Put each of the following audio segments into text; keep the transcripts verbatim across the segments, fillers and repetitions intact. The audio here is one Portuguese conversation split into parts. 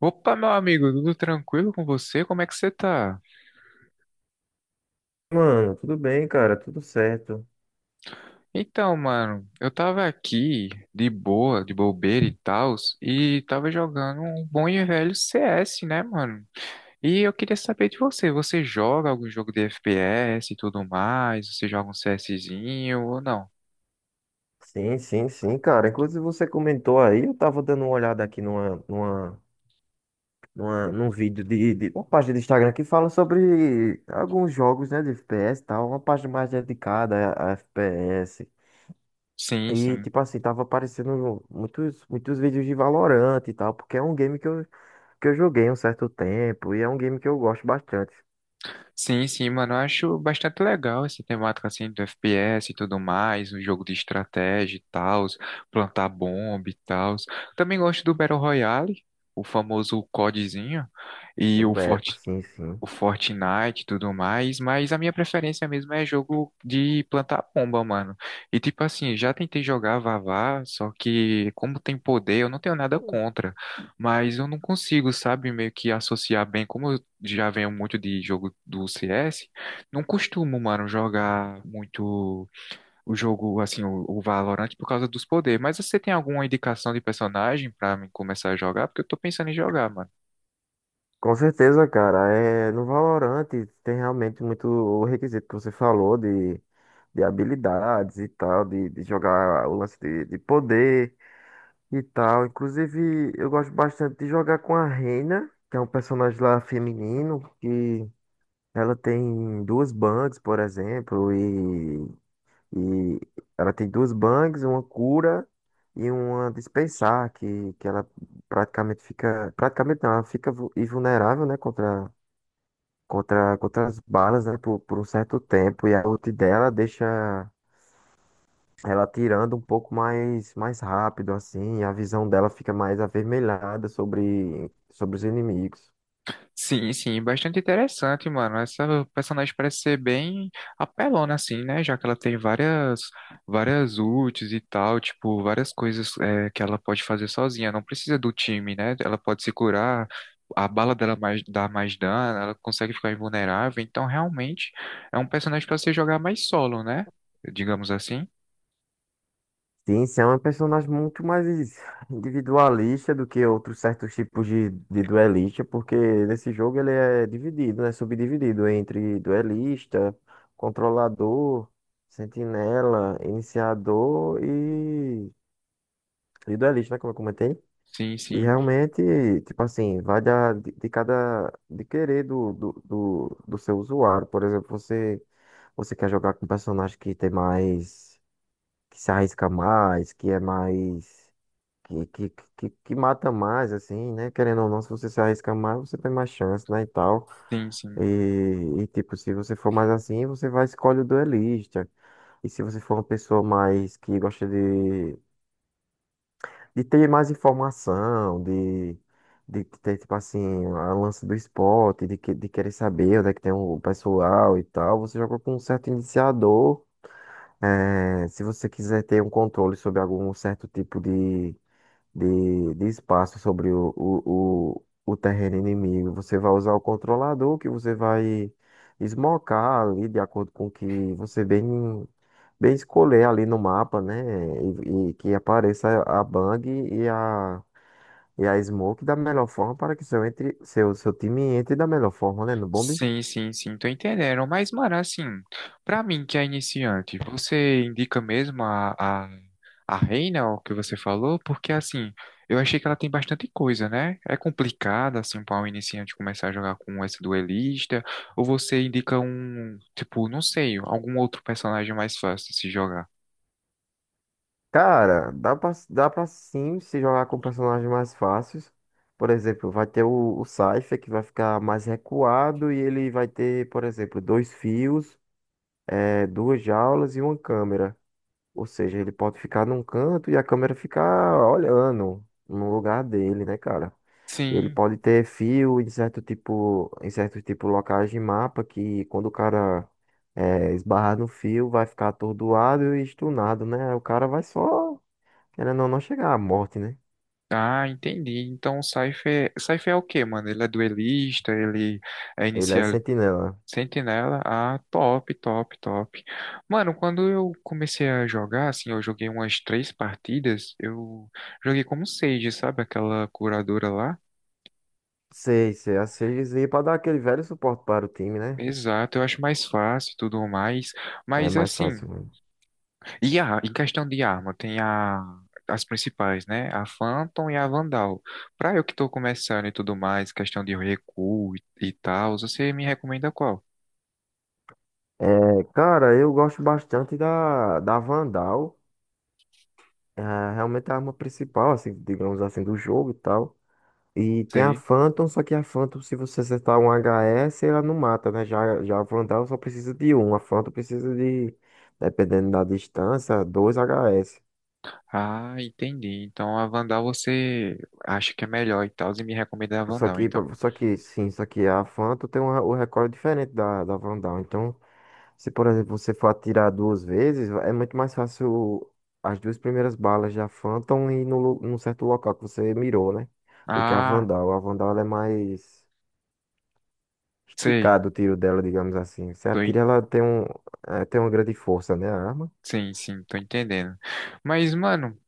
Opa, meu amigo, tudo tranquilo com você? Como é que você tá? Mano, tudo bem, cara, tudo certo. Então, mano, eu tava aqui de boa, de bobeira e tal, e tava jogando um bom e velho C S, né, mano? E eu queria saber de você, você joga algum jogo de F P S e tudo mais? Você joga um CSzinho ou não? Sim, sim, sim, cara. Inclusive você comentou aí, eu tava dando uma olhada aqui numa, numa, numa, num vídeo de, de uma página do Instagram que fala sobre alguns jogos, né, de f p s e tal, uma página mais dedicada a, a f p s. Sim, E, sim. tipo assim, tava aparecendo muitos, muitos vídeos de Valorant e tal, porque é um game que eu, que eu joguei um certo tempo e é um game que eu gosto bastante. Sim, sim, mano, eu acho bastante legal essa temática assim do F P S e tudo mais, um jogo de estratégia e tal, plantar bomba e tal. Também gosto do Battle Royale, o famoso CODzinho e o Eu, é, Fort, sim, sim. o Fortnite e tudo mais, mas a minha preferência mesmo é jogo de plantar pomba, mano. E tipo assim, já tentei jogar Vavá, só que como tem poder, eu não tenho nada contra, mas eu não consigo, sabe, meio que associar bem, como eu já venho muito de jogo do C S, não costumo, mano, jogar muito o jogo, assim, o, o Valorant por causa dos poderes, mas você tem alguma indicação de personagem pra mim começar a jogar? Porque eu tô pensando em jogar, mano. Com certeza, cara. É, no Valorant tem realmente muito o requisito que você falou de, de habilidades e tal, de, de jogar o lance de, de poder e tal. Inclusive, eu gosto bastante de jogar com a Reina, que é um personagem lá feminino, que ela tem duas bangs, por exemplo, e, e ela tem duas bangs, uma cura e uma dispensar, que, que ela praticamente fica. Praticamente não, ela fica vu- invulnerável, né, contra contra, contra as balas, né, por, por um certo tempo. E a ult dela deixa ela atirando um pouco mais, mais rápido, assim, e a visão dela fica mais avermelhada sobre, sobre os inimigos. Sim, sim, bastante interessante, mano. Essa personagem parece ser bem apelona, assim, né? Já que ela tem várias, várias ults e tal, tipo, várias coisas é, que ela pode fazer sozinha. Não precisa do time, né? Ela pode se curar, a bala dela mais, dá mais dano, ela consegue ficar invulnerável. Então, realmente, é um personagem para você jogar mais solo, né? Digamos assim. Sim, Sam é um personagem muito mais individualista do que outros certos tipos de, de duelista, porque nesse jogo ele é dividido, né? Subdividido entre duelista, controlador, sentinela, iniciador e, e duelista, né? Como eu comentei. Sim, E sim, realmente, tipo assim, vai da, de, de cada, de querer do, do, do, do seu usuário. Por exemplo, você, você quer jogar com um personagem que tem mais, que se arrisca mais, que é mais, que, que, que, que mata mais, assim, né? Querendo ou não, se você se arrisca mais, você tem mais chance, né, e tal. sim, E, sim. e tipo, se você for mais assim, você vai escolher o duelista. E se você for uma pessoa mais que gosta de de ter mais informação, de, de ter, tipo assim, a lance do esporte, de, que- de querer saber onde é que tem o pessoal e tal, você joga com um certo iniciador. É, se você quiser ter um controle sobre algum certo tipo de, de, de espaço sobre o, o, o, o terreno inimigo. Você vai usar o controlador que você vai esmocar ali de acordo com o que você bem, bem escolher ali no mapa, né? E, e que apareça a Bang e a, e a Smoke da melhor forma para que seu, entre, seu, seu time entre da melhor forma, né? No bomb. Sim, sim, sim, tô entendendo. Mas, mano, assim, pra mim que é iniciante, você indica mesmo a, a, a Reina, o que você falou? Porque, assim, eu achei que ela tem bastante coisa, né? É complicado, assim, pra um iniciante começar a jogar com essa duelista, ou você indica um, tipo, não sei, algum outro personagem mais fácil de se jogar? Cara, dá pra, dá pra sim se jogar com personagens mais fáceis. Por exemplo, vai ter o, o Cypher que vai ficar mais recuado e ele vai ter, por exemplo, dois fios, eh, duas jaulas e uma câmera. Ou seja, ele pode ficar num canto e a câmera ficar olhando no lugar dele, né, cara? Ele Sim. pode ter fio em certo tipo, em certo tipo locais de mapa que quando o cara eh, esbarrar no fio vai ficar atordoado e stunado, né? O cara vai só. Querendo ou não chegar à morte, né? Ah, entendi. Então, o Cypher, Cypher é o quê, mano? Ele é duelista, ele é Ele é sentinela. Sentinela, ah, top, top, top. Mano, quando eu comecei a jogar, assim, eu joguei umas três partidas, eu joguei como Sage, sabe? Aquela curadora lá. Sei, sei, a seis e pra dar aquele velho suporte para o time, né? Exato, eu acho mais fácil e tudo mais. É Mas mais assim, fácil mesmo. e a, em questão de arma, tem a, as principais, né? A Phantom e a Vandal. Pra eu que tô começando e tudo mais, questão de recuo e, e tal, você me recomenda qual? É, cara, eu gosto bastante da, da Vandal. É realmente a arma principal, assim, digamos assim, do jogo e tal. E tem a Sei. Phantom, só que a Phantom, se você acertar um h s, ela não mata, né? Já, já a Vandal só precisa de um. A Phantom precisa de, dependendo da distância, dois h s. Ah, entendi. Então a Vandal você acha que é melhor e tal, e me recomenda a Só Vandal, que, então. pra- só que, sim, só que a Fanta tem um, o recorde diferente da, da Vandal. Então, se por exemplo você for atirar duas vezes, é muito mais fácil as duas primeiras balas da Fanta ir no, lu- num certo local que você mirou, né? Do que a Ah, Vandal. A Vandal ela é mais sei. esticado o tiro dela, digamos assim. Você Tô, en- atira, ela tem um, eh, tem uma grande força, né? A arma. sim, sim, tô entendendo. Mas, mano,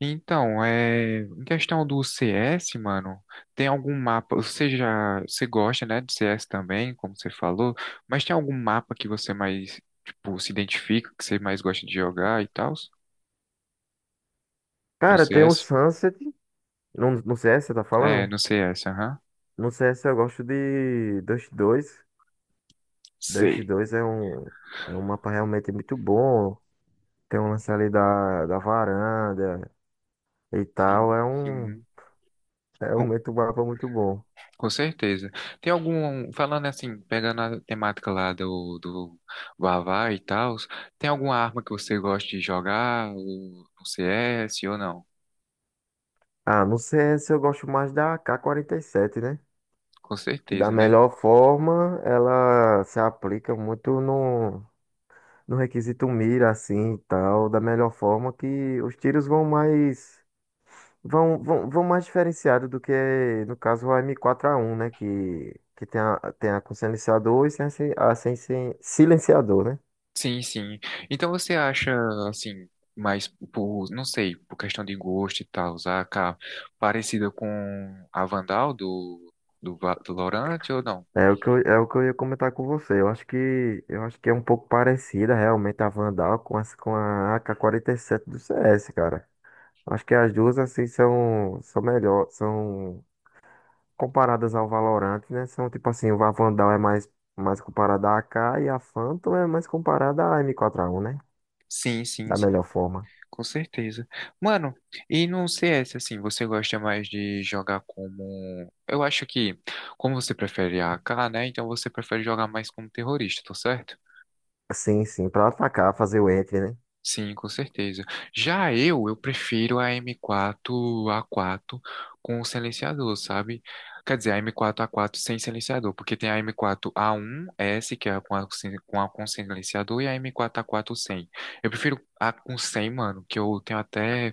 então, é, em questão do C S, mano, tem algum mapa, você já, você gosta, né, de C S também, como você falou, mas tem algum mapa que você mais, tipo, se identifica, que você mais gosta de jogar e tal? No Cara, tem o C S? Sunset. No, no c s, você tá É, falando? no C S, aham. No c s eu gosto de Dust dois. Dust Sei. dois é um, é um mapa realmente muito bom. Tem um lance ali da, da varanda e tal. Sim, É um, sim. é realmente um mapa muito bom. Com certeza. Tem algum, falando assim, pegando a temática lá do, do Vavá e tal, tem alguma arma que você gosta de jogar ou no C S ou não? Ah, no c s eu gosto mais da A K quarenta e sete, né? Com Que da certeza, né? melhor forma ela se aplica muito no, no requisito mira, assim e tal. Da melhor forma que os tiros vão mais. Vão, vão, vão mais diferenciado do que, no caso, o m quatro a um, né? Que, que tem a, tem a com silenciador e sem, a sem, sem silenciador, né? Sim, sim. Então você acha, assim, mais por, não sei, por questão de gosto e tal, a AK parecida com a Vandal do, do, Va- do Valorant ou não? É o que eu, é o que eu ia comentar com você. Eu acho que, eu acho que é um pouco parecida realmente a Vandal com, as, com a ak sete do c s, cara. Acho que as duas, assim, são, são melhor, são comparadas ao Valorant, né? São tipo assim, a Vandal é mais, mais comparada à a k e a Phantom é mais comparada à m quatro a um, né? Sim, sim, Da melhor sim. forma. Com certeza. Mano, e no C S, assim, você gosta mais de jogar como. Eu acho que, como você prefere a AK, né? Então você prefere jogar mais como terrorista, tá certo? Sim, sim, para atacar, fazer o entry, né? Sim, com certeza. Já eu, eu prefiro a M quatro A quatro com o silenciador, sabe? Quer dizer, a M quatro A quatro sem silenciador, porque tem a M quatro A um S, que é com a, com a com silenciador, e a M quatro A quatro sem. Eu prefiro a com sem, mano, que eu tenho até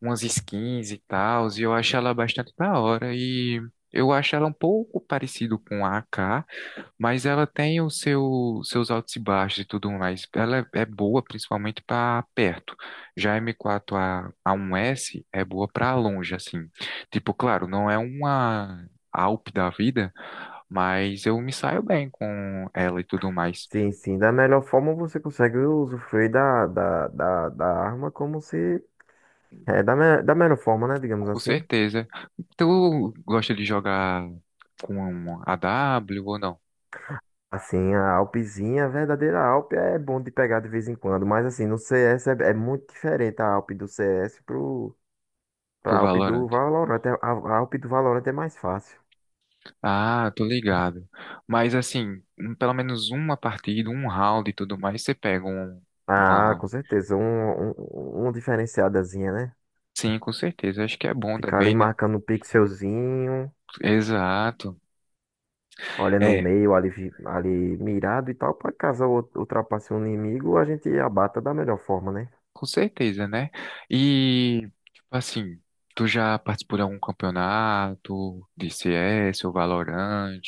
umas skins e tal, e eu acho ela bastante da hora. E eu acho ela um pouco parecido com a AK, mas ela tem os seu, seus altos e baixos e tudo mais. Ela é, é boa principalmente para perto. Já a M quatro a, A1S é boa para longe, assim. Tipo, claro, não é uma Alp da vida, mas eu me saio bem com ela e tudo mais. Sim, sim, da melhor forma você consegue usufruir da, da, da, da arma como se... É, da, me- da melhor forma, né? Digamos Com assim. certeza. Tu gosta de jogar com a W ou não? Assim, a Alpzinha, a verdadeira Alp é bom de pegar de vez em quando, mas assim, no c s é, é muito diferente a Alp do c s pro, Pro pra Alp do Valorant. Valorant. É- A, a Alp do Valorant é mais fácil. Ah, tô ligado. Mas assim, um- pelo menos uma partida, um round e tudo mais, você pega um, Ah, uma. com certeza, um, um, um diferenciadazinha, né? Sim, com certeza. Acho que é bom Ficar ali também, né? marcando um pixelzinho, Exato. olha no É, meio ali, vi- ali mirado e tal, para caso eu ultrapasse um inimigo, a gente abata da melhor forma, né? com certeza, né? E, tipo assim, tu já participou de algum campeonato de C S ou Valorant?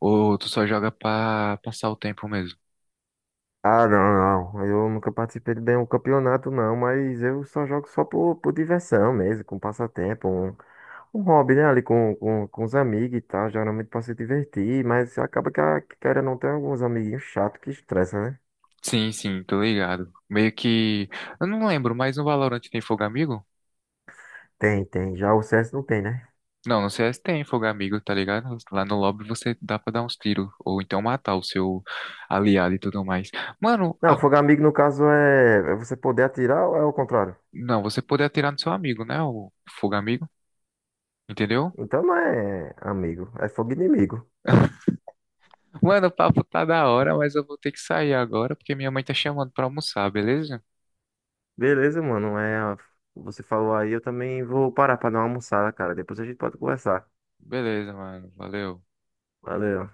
Ou tu só joga pra passar o tempo mesmo? Ah, não, não. Eu nunca participei de nenhum campeonato, não, mas eu só jogo só por, por diversão mesmo, com passatempo, um, um hobby, né? Ali com, com, com os amigos e tal, geralmente pra se divertir, mas acaba que, a, que querendo não tem alguns amiguinhos chatos que estressa, né? Sim, sim, tô ligado. Meio que. Eu não lembro, mas no Valorant tem fogo amigo? Tem, tem. Já o c s não tem, né? Não, no C S tem fogo amigo, tá ligado? Lá no lobby você dá pra dar uns tiros, ou então matar o seu aliado e tudo mais. Mano, Não, a- fogo amigo no caso é, é você poder atirar ou é o contrário? não, você pode atirar no seu amigo, né? O fogo amigo, entendeu? Então não é amigo, é fogo inimigo. Mano, o papo tá da hora, mas eu vou ter que sair agora porque minha mãe tá chamando pra almoçar, beleza? Beleza, mano. É, você falou aí, eu também vou parar pra dar uma almoçada, cara. Depois a gente pode conversar. Beleza, mano, valeu. Valeu.